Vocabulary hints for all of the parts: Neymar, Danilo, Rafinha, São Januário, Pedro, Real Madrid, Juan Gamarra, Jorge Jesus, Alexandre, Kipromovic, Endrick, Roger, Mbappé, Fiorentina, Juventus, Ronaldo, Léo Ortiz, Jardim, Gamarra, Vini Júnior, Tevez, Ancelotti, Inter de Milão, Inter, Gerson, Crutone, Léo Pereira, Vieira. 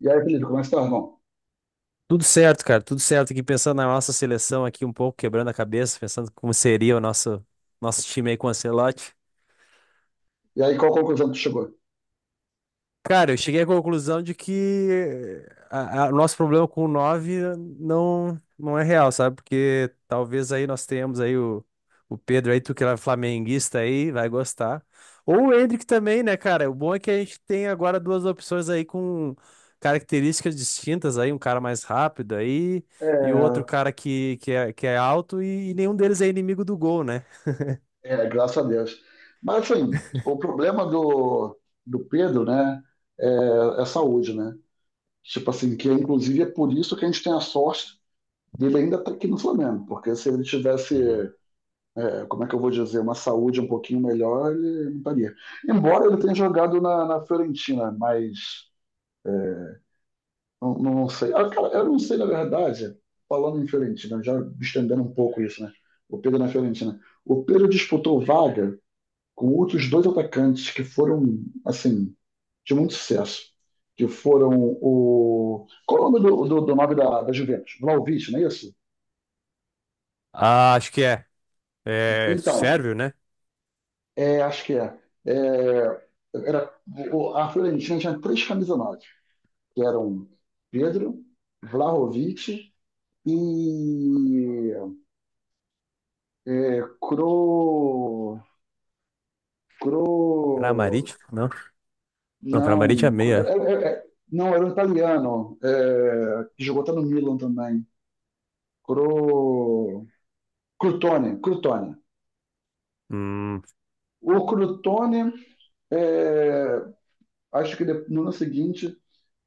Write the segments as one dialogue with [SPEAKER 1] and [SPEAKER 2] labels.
[SPEAKER 1] E aí, Felipe, como é que tá, irmão?
[SPEAKER 2] Tudo certo, cara, tudo certo. Aqui pensando na nossa seleção aqui um pouco, quebrando a cabeça, pensando como seria o nosso time aí com o Ancelotti.
[SPEAKER 1] E aí, qual conclusão que tu chegou?
[SPEAKER 2] Cara, eu cheguei à conclusão de que o nosso problema com o 9 não é real, sabe? Porque talvez aí nós tenhamos aí o Pedro aí, tu que é flamenguista aí, vai gostar. Ou o Endrick também, né, cara? O bom é que a gente tem agora duas opções aí com características distintas aí, um cara mais rápido aí e
[SPEAKER 1] É,
[SPEAKER 2] o outro cara que é alto e nenhum deles é inimigo do gol, né?
[SPEAKER 1] é, graças a Deus. Mas, assim, o problema do Pedro, né, é saúde, né? Tipo assim, que inclusive é por isso que a gente tem a sorte dele ainda estar aqui no Flamengo, porque se ele tivesse,
[SPEAKER 2] Uhum.
[SPEAKER 1] como é que eu vou dizer, uma saúde um pouquinho melhor, ele não estaria. Embora ele tenha jogado na Fiorentina, mas não, não sei. Ah, cara, eu não sei, na verdade, falando em Fiorentina, já estendendo um pouco isso, né? O Pedro na Fiorentina. O Pedro disputou vaga com outros dois atacantes que foram, assim, de muito sucesso. Que foram o. Qual é o nome do nome da Juventus? Vlahovic, não é isso?
[SPEAKER 2] Ah, acho que é. É
[SPEAKER 1] Então,
[SPEAKER 2] sérvio, né?
[SPEAKER 1] acho que é. É, era, a Fiorentina tinha três camisas nove, que eram Pedro, Vlahovic e É, cro... Cro...
[SPEAKER 2] Kramaric? Não, não, Kramaric
[SPEAKER 1] não.
[SPEAKER 2] é
[SPEAKER 1] é-
[SPEAKER 2] meia.
[SPEAKER 1] é- é- não, era um italiano. Que jogou até no Milan também. Cro... Crutone.
[SPEAKER 2] Hum,
[SPEAKER 1] O Crutone, é, acho que no ano seguinte,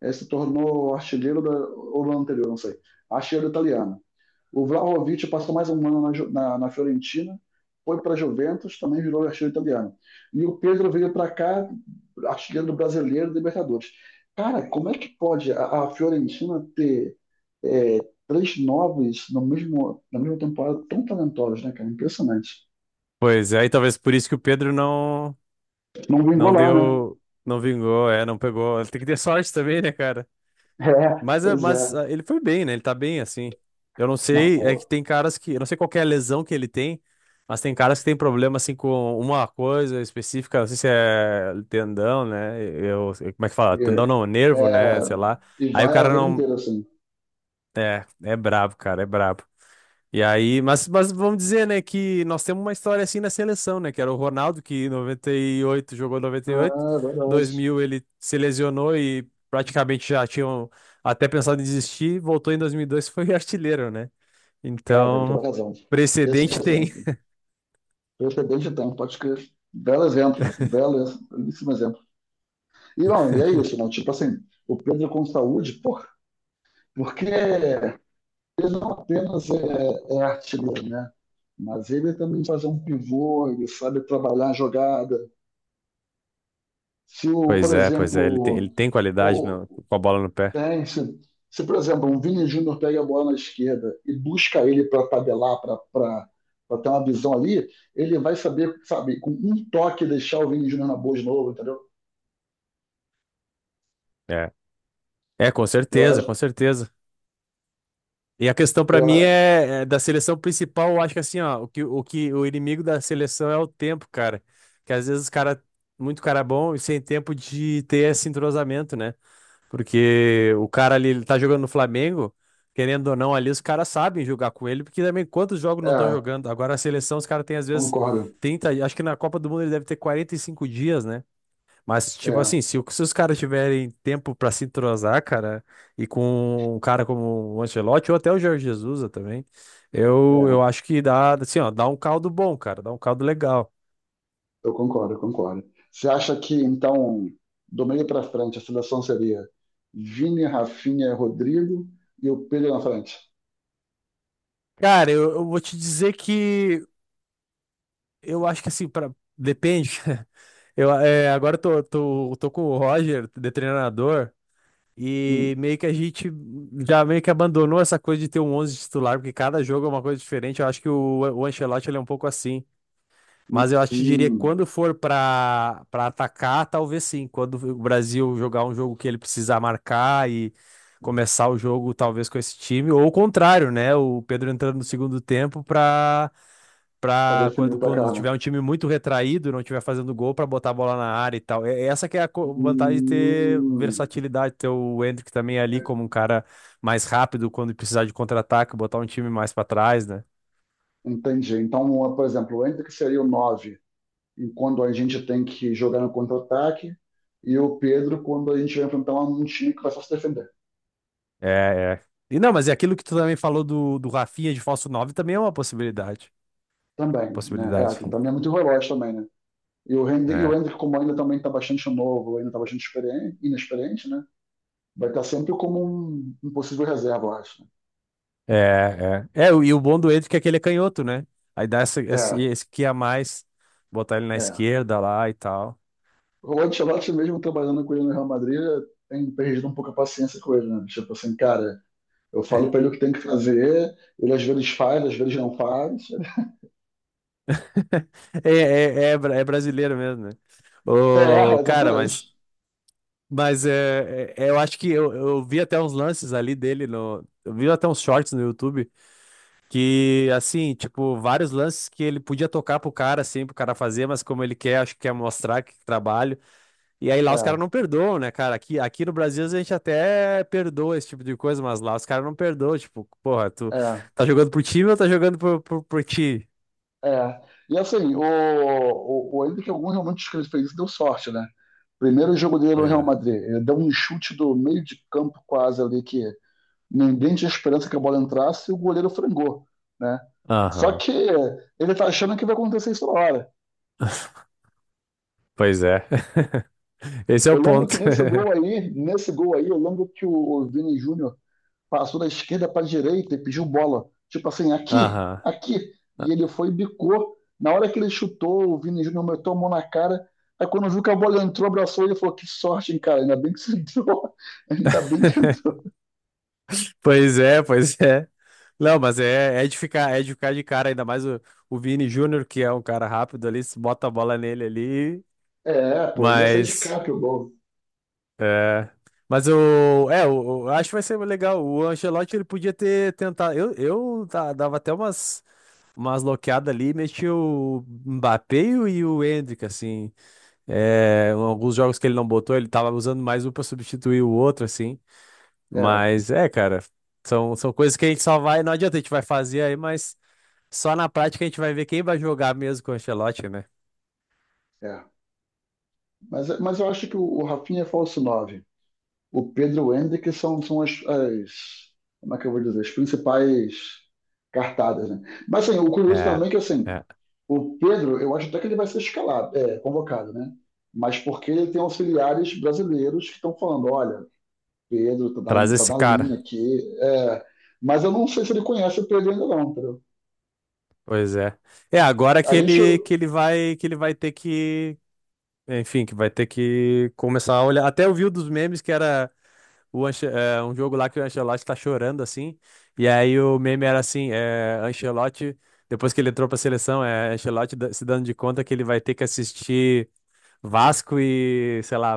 [SPEAKER 1] se tornou artilheiro da... Ou no ano anterior, não sei. Artilheiro italiano. O Vlahovic passou mais um ano na Fiorentina, foi para a Juventus, também virou artilheiro italiano. E o Pedro veio para cá, artilheiro do brasileiro, Libertadores. Cara, como é que pode a Fiorentina ter é, três novos no mesmo, na mesma temporada tão talentosos, né, cara? Impressionante.
[SPEAKER 2] Pois é, e talvez por isso que o Pedro não
[SPEAKER 1] Não vem
[SPEAKER 2] não
[SPEAKER 1] golar, né?
[SPEAKER 2] deu, não vingou, é, não pegou. Ele tem que ter sorte também, né, cara?
[SPEAKER 1] É,
[SPEAKER 2] Mas, é-
[SPEAKER 1] pois é.
[SPEAKER 2] mas ah, ele foi bem, né? Ele tá bem, assim. Eu não
[SPEAKER 1] Não,
[SPEAKER 2] sei, é que
[SPEAKER 1] pô.
[SPEAKER 2] tem caras que, eu não sei qual que é a lesão que ele tem, mas tem caras que tem problema, assim, com uma coisa específica, não sei se é tendão, né? Como é que fala?
[SPEAKER 1] E, é,
[SPEAKER 2] Tendão não,
[SPEAKER 1] é,
[SPEAKER 2] nervo, né? Sei lá.
[SPEAKER 1] e
[SPEAKER 2] Aí o
[SPEAKER 1] vai a
[SPEAKER 2] cara
[SPEAKER 1] vida
[SPEAKER 2] não,
[SPEAKER 1] inteira assim.
[SPEAKER 2] é brabo, cara, é brabo. E aí, mas vamos dizer, né, que nós temos uma história assim na seleção, né, que era o Ronaldo, que em 98 jogou noventa e oito
[SPEAKER 1] Ah, é
[SPEAKER 2] dois
[SPEAKER 1] verdade.
[SPEAKER 2] mil ele se lesionou e praticamente já tinham até pensado em desistir, voltou em 2002 e dois e foi artilheiro, né?
[SPEAKER 1] Cara, tem toda
[SPEAKER 2] Então,
[SPEAKER 1] razão. Esse é
[SPEAKER 2] precedente
[SPEAKER 1] o
[SPEAKER 2] tem.
[SPEAKER 1] precedente então, pode crer. Belo exemplo, belo, belíssimo exemplo. E, não, e é isso, não, tipo assim, o Pedro com saúde, porra, porque ele não apenas é, artilheiro, né? Mas ele também faz um pivô, ele sabe trabalhar a jogada. Se, o, por
[SPEAKER 2] Pois é, ele tem,
[SPEAKER 1] exemplo,
[SPEAKER 2] ele tem qualidade
[SPEAKER 1] o,
[SPEAKER 2] com a bola no pé.
[SPEAKER 1] tem, se, por exemplo, um Vini Júnior pega a bola na esquerda e busca ele para tabelar, para ter uma visão ali, ele vai saber, sabe, com um toque deixar o Vini Júnior na boa de novo, entendeu?
[SPEAKER 2] É, é, com
[SPEAKER 1] Eu
[SPEAKER 2] certeza, com
[SPEAKER 1] acho,
[SPEAKER 2] certeza. E a questão pra
[SPEAKER 1] eu,
[SPEAKER 2] mim
[SPEAKER 1] a-
[SPEAKER 2] é da seleção principal, eu acho que assim, ó, o que o inimigo da seleção é o tempo, cara. Que às vezes os cara, muito cara bom e sem tempo de ter esse entrosamento, né? Porque o cara ali, ele tá jogando no Flamengo, querendo ou não, ali os caras sabem jogar com ele, porque também quantos jogos não estão
[SPEAKER 1] é,
[SPEAKER 2] jogando? Agora a seleção, os caras têm às vezes
[SPEAKER 1] concordo.
[SPEAKER 2] 30, acho que na Copa do Mundo ele deve ter 45 dias, né? Mas, tipo assim,
[SPEAKER 1] É,
[SPEAKER 2] se os caras tiverem tempo pra se entrosar, cara, e com um cara como o Ancelotti ou até o Jorge Jesus também,
[SPEAKER 1] é,
[SPEAKER 2] eu acho que dá, assim, ó, dá um caldo bom, cara, dá um caldo legal.
[SPEAKER 1] eu concordo, eu concordo. Você acha que, então, do meio para frente, a seleção seria Vini, Rafinha, Rodrigo e o Pedro na frente?
[SPEAKER 2] Cara, eu vou te dizer que eu acho que assim, pra, depende. Agora eu tô com o Roger, de treinador, e
[SPEAKER 1] Hum,
[SPEAKER 2] meio que a gente já meio que abandonou essa coisa de ter um 11 titular, porque cada jogo é uma coisa diferente. Eu acho que o Ancelotti ele é um pouco assim.
[SPEAKER 1] hum,
[SPEAKER 2] Mas eu acho que diria que
[SPEAKER 1] hum,
[SPEAKER 2] quando for para atacar, talvez sim. Quando o Brasil jogar um jogo que ele precisar marcar e começar o jogo talvez com esse time, ou o contrário, né? O Pedro entrando no segundo tempo para
[SPEAKER 1] para
[SPEAKER 2] para
[SPEAKER 1] definir o
[SPEAKER 2] quando
[SPEAKER 1] placar, né?
[SPEAKER 2] tiver um time muito retraído, não tiver fazendo gol para botar a bola na área e tal. Essa que é a vantagem de ter
[SPEAKER 1] Hum,
[SPEAKER 2] versatilidade, ter o Endrick também ali como um cara mais rápido quando precisar de contra-ataque, botar um time mais para trás, né?
[SPEAKER 1] entendi. Então, por exemplo, o Endrick seria o 9, enquanto a gente tem que jogar no contra-ataque, e o Pedro quando a gente vai enfrentar um time que vai só se defender.
[SPEAKER 2] É, é. E não, mas é aquilo que tu também falou do Rafinha de falso 9 também é uma possibilidade.
[SPEAKER 1] Também, né? É,
[SPEAKER 2] Possibilidade.
[SPEAKER 1] que também é muito veloz também, né? E o
[SPEAKER 2] É.
[SPEAKER 1] Hendrick, como ainda também está bastante novo, ainda está bastante experiente, inexperiente, né? Vai estar sempre como um possível reserva, eu acho.
[SPEAKER 2] É, é. É, o- e o bom do Hendrick é que ele é canhoto, né? Aí dá essa, esse,
[SPEAKER 1] Né?
[SPEAKER 2] esse que a mais, botar ele na
[SPEAKER 1] É, é.
[SPEAKER 2] esquerda lá e tal.
[SPEAKER 1] O Ancelotti mesmo trabalhando com ele no Real Madrid tem perdido um pouco a paciência com ele, né? Tipo assim, cara, eu falo para ele o que tem que fazer, ele às vezes faz, às vezes não faz.
[SPEAKER 2] É, é, é, é brasileiro mesmo, né?
[SPEAKER 1] É,
[SPEAKER 2] Ô, cara, mas,
[SPEAKER 1] exatamente.
[SPEAKER 2] mas eu acho que eu vi até uns lances ali dele no. Eu vi até uns shorts no YouTube que, assim, tipo, vários lances que ele podia tocar pro cara, assim, pro cara fazer, mas como ele quer, acho que quer mostrar que trabalho. E aí lá os caras
[SPEAKER 1] É,
[SPEAKER 2] não perdoam, né, cara? Aqui no Brasil às vezes, a gente até perdoa esse tipo de coisa, mas lá os caras não perdoam. Tipo, porra, tu
[SPEAKER 1] é.
[SPEAKER 2] tá jogando pro time ou tá jogando por ti?
[SPEAKER 1] É. E assim, o ainda que algum realmente dos que ele fez isso, deu sorte, né? Primeiro jogo dele no
[SPEAKER 2] Pois
[SPEAKER 1] Real
[SPEAKER 2] é.
[SPEAKER 1] Madrid, ele deu um chute do meio de campo quase ali que ninguém tinha esperança que a bola entrasse e o goleiro frangou, né? Só
[SPEAKER 2] Aham.
[SPEAKER 1] que ele tá achando que vai acontecer isso na hora.
[SPEAKER 2] Pois é. Esse é o
[SPEAKER 1] Eu lembro
[SPEAKER 2] ponto.
[SPEAKER 1] que nesse gol aí, eu lembro que o Vini Júnior passou da esquerda para a direita e pediu bola. Tipo assim, aqui,
[SPEAKER 2] Aham.
[SPEAKER 1] aqui. E ele foi e bicou. Na hora que ele chutou, o Vini Júnior meteu a mão na cara. Aí quando viu que a bola entrou, abraçou ele e falou: que sorte, hein, cara? Ainda bem que você entrou. Ainda bem que entrou.
[SPEAKER 2] Pois é, pois é. Não, mas é de ficar, é de ficar de cara, ainda mais o Vini Júnior, que é um cara rápido ali, se bota a bola nele ali,
[SPEAKER 1] É, pô, ele já saiu de
[SPEAKER 2] mas
[SPEAKER 1] capa o gol.
[SPEAKER 2] é, mas o é, acho que vai ser legal. O Ancelotti ele podia ter tentado. Dava até umas loqueadas ali, metia o Mbappé e o Endrick assim. É, alguns jogos que ele não botou, ele tava usando mais um pra substituir o outro assim.
[SPEAKER 1] É,
[SPEAKER 2] Mas é, cara, são coisas que a gente só vai, não adianta a gente vai fazer aí, mas só na prática a gente vai ver quem vai jogar mesmo com o Ancelotti, né?
[SPEAKER 1] é. Mas eu acho que o Rafinha é falso nove. O Pedro e o Hendrick são as. Como é que eu vou dizer? As principais cartadas, né? Mas assim, o curioso
[SPEAKER 2] É,
[SPEAKER 1] também é que assim,
[SPEAKER 2] é.
[SPEAKER 1] o Pedro, eu acho até que ele vai ser escalado, convocado, né? Mas porque ele tem auxiliares brasileiros que estão falando, olha, Pedro tá
[SPEAKER 2] Traz
[SPEAKER 1] na, tá
[SPEAKER 2] esse
[SPEAKER 1] na
[SPEAKER 2] cara.
[SPEAKER 1] linha aqui. É, mas eu não sei se ele conhece o Pedro ainda não, entendeu?
[SPEAKER 2] Pois é. É agora
[SPEAKER 1] A
[SPEAKER 2] que
[SPEAKER 1] gente,
[SPEAKER 2] ele que ele vai ter que, enfim, que vai ter que começar a olhar. Até eu vi um dos memes que era um jogo lá que o Ancelotti tá chorando assim. E aí o meme era assim, Ancelotti, depois que ele entrou pra seleção, é Ancelotti se dando de conta que ele vai ter que assistir Vasco e, sei lá,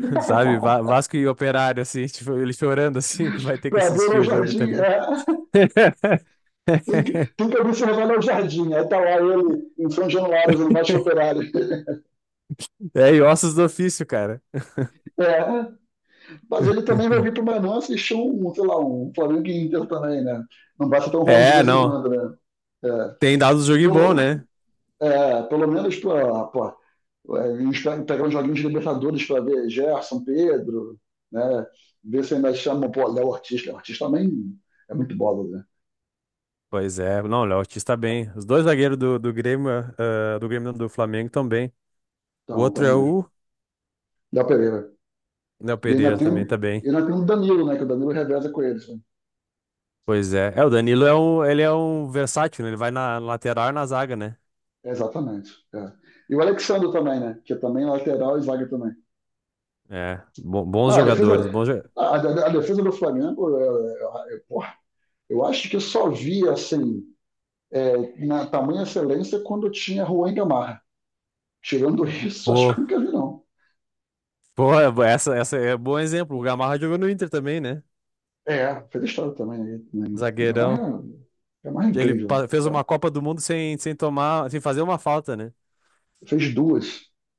[SPEAKER 2] sabe? Vasco e Operário, assim, tipo, ele chorando, assim, que vai ter que
[SPEAKER 1] para ver
[SPEAKER 2] assistir
[SPEAKER 1] o
[SPEAKER 2] o jogo, tá
[SPEAKER 1] Jardim,
[SPEAKER 2] ligado?
[SPEAKER 1] tem que observar o Jardim. Aí tá lá ele em São Januário, no Baixo Operário.
[SPEAKER 2] É, e ossos do ofício, cara.
[SPEAKER 1] É, mas ele também vai vir para o Manu assistir um, sei lá, um Flamengo e Inter também, né? Não basta tão ruim de
[SPEAKER 2] É,
[SPEAKER 1] vez em
[SPEAKER 2] não.
[SPEAKER 1] quando, né? É,
[SPEAKER 2] Tem dado o jogo e bom,
[SPEAKER 1] pelo,
[SPEAKER 2] né?
[SPEAKER 1] pelo menos para a gente pegar uns joguinhos de Libertadores para ver Gerson, Pedro, né? Ver se ainda chamam, pô, Léo Ortiz. Léo Ortiz também é muito bola, né?
[SPEAKER 2] Pois é. Não, o Léo Ortiz tá bem. Os dois zagueiros do Grêmio, ah, do Grêmio não, do Flamengo estão bem. O
[SPEAKER 1] Então,
[SPEAKER 2] outro
[SPEAKER 1] então
[SPEAKER 2] é
[SPEAKER 1] mesmo.
[SPEAKER 2] o
[SPEAKER 1] Da Pereira.
[SPEAKER 2] Léo
[SPEAKER 1] E ainda
[SPEAKER 2] Pereira
[SPEAKER 1] tem, um,
[SPEAKER 2] também tá
[SPEAKER 1] e
[SPEAKER 2] bem.
[SPEAKER 1] ainda tem o Danilo, né? Que o Danilo reveza com eles, né?
[SPEAKER 2] Pois é. É, o Danilo é um, ele é um versátil, né? Ele vai na lateral e na zaga, né?
[SPEAKER 1] É, exatamente. É. E o Alexandre também, né? Que é também é lateral e zaga também.
[SPEAKER 2] É,
[SPEAKER 1] Não,
[SPEAKER 2] bons
[SPEAKER 1] a
[SPEAKER 2] jogadores, bons
[SPEAKER 1] defesa,
[SPEAKER 2] jogadores.
[SPEAKER 1] a defesa do Flamengo, porra, eu acho que eu só vi assim, na tamanha excelência quando tinha Juan Gamarra. Tirando isso, acho que eu nunca vi, não.
[SPEAKER 2] Pô, essa é bom exemplo. O Gamarra jogou no Inter também, né?
[SPEAKER 1] É, fez história também. Né? Também.
[SPEAKER 2] Zagueirão.
[SPEAKER 1] Gamarra, Gamarra é
[SPEAKER 2] Ele
[SPEAKER 1] incrível.
[SPEAKER 2] fez uma Copa do Mundo sem tomar, sem fazer uma falta, né?
[SPEAKER 1] Fez duas.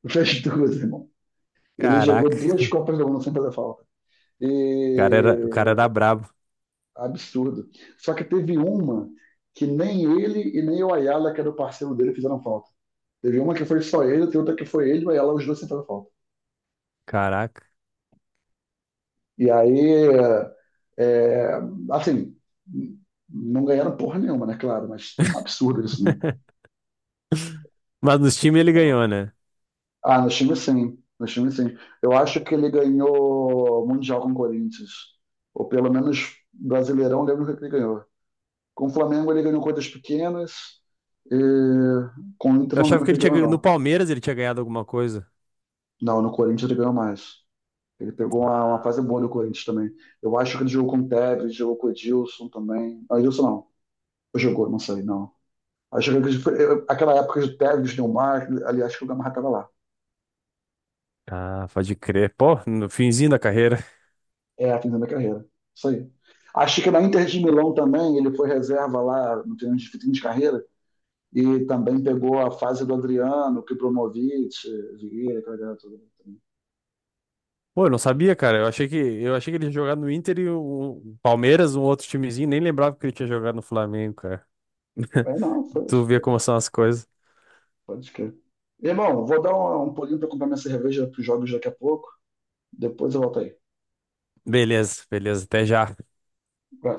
[SPEAKER 1] Fez duas, irmão. Ele jogou
[SPEAKER 2] Caraca.
[SPEAKER 1] duas Copas do Mundo sem fazer falta.
[SPEAKER 2] O cara era, o cara
[SPEAKER 1] E...
[SPEAKER 2] era brabo.
[SPEAKER 1] Absurdo. Só que teve uma que nem ele e nem o Ayala, que era o parceiro dele, fizeram falta. Teve uma que foi só ele, tem outra que foi ele e o Ayala, os dois sem fazer falta.
[SPEAKER 2] Caraca.
[SPEAKER 1] E aí, é, assim, não ganharam porra nenhuma, né? Claro, mas um absurdo isso, né?
[SPEAKER 2] Mas nos times ele ganhou, né?
[SPEAKER 1] Ah, no time sim. No time sim. Eu acho que ele ganhou Mundial com o Corinthians. Ou pelo menos Brasileirão, lembro que ele ganhou. Com o Flamengo ele ganhou coisas pequenas. E com o Inter
[SPEAKER 2] Eu
[SPEAKER 1] não
[SPEAKER 2] achava
[SPEAKER 1] lembro
[SPEAKER 2] que
[SPEAKER 1] que
[SPEAKER 2] ele
[SPEAKER 1] ele ganhou,
[SPEAKER 2] no
[SPEAKER 1] não.
[SPEAKER 2] Palmeiras ele tinha ganhado alguma coisa.
[SPEAKER 1] Não, no Corinthians ele ganhou mais. Ele pegou uma fase boa no Corinthians também. Eu acho que ele jogou com o Tevez, jogou com o Edilson também. Não, Edilson não. Ou jogou, não sei, não. Acho que aquela época de Tevez, Neymar, aliás, que o Gamarra estava lá.
[SPEAKER 2] Ah, pode crer. Pô, no finzinho da carreira.
[SPEAKER 1] É, finalizando da carreira. Isso aí. Acho que na Inter de Milão também, ele foi reserva lá no treino de fim de carreira e também pegou a fase do Adriano, Kipromovic, Vieira, aquela galera toda.
[SPEAKER 2] Pô, eu não sabia, cara. Eu achei que ele tinha jogado no Inter e o Palmeiras, um outro timezinho, nem lembrava que ele tinha jogado no Flamengo, cara.
[SPEAKER 1] É, não, foi,
[SPEAKER 2] Tu vê como
[SPEAKER 1] foi,
[SPEAKER 2] são as coisas.
[SPEAKER 1] pode crer. Irmão, vou dar um pulinho para comprar minha cerveja para os jogos daqui a pouco. Depois eu volto aí.
[SPEAKER 2] Beleza, beleza, até já.
[SPEAKER 1] Vai.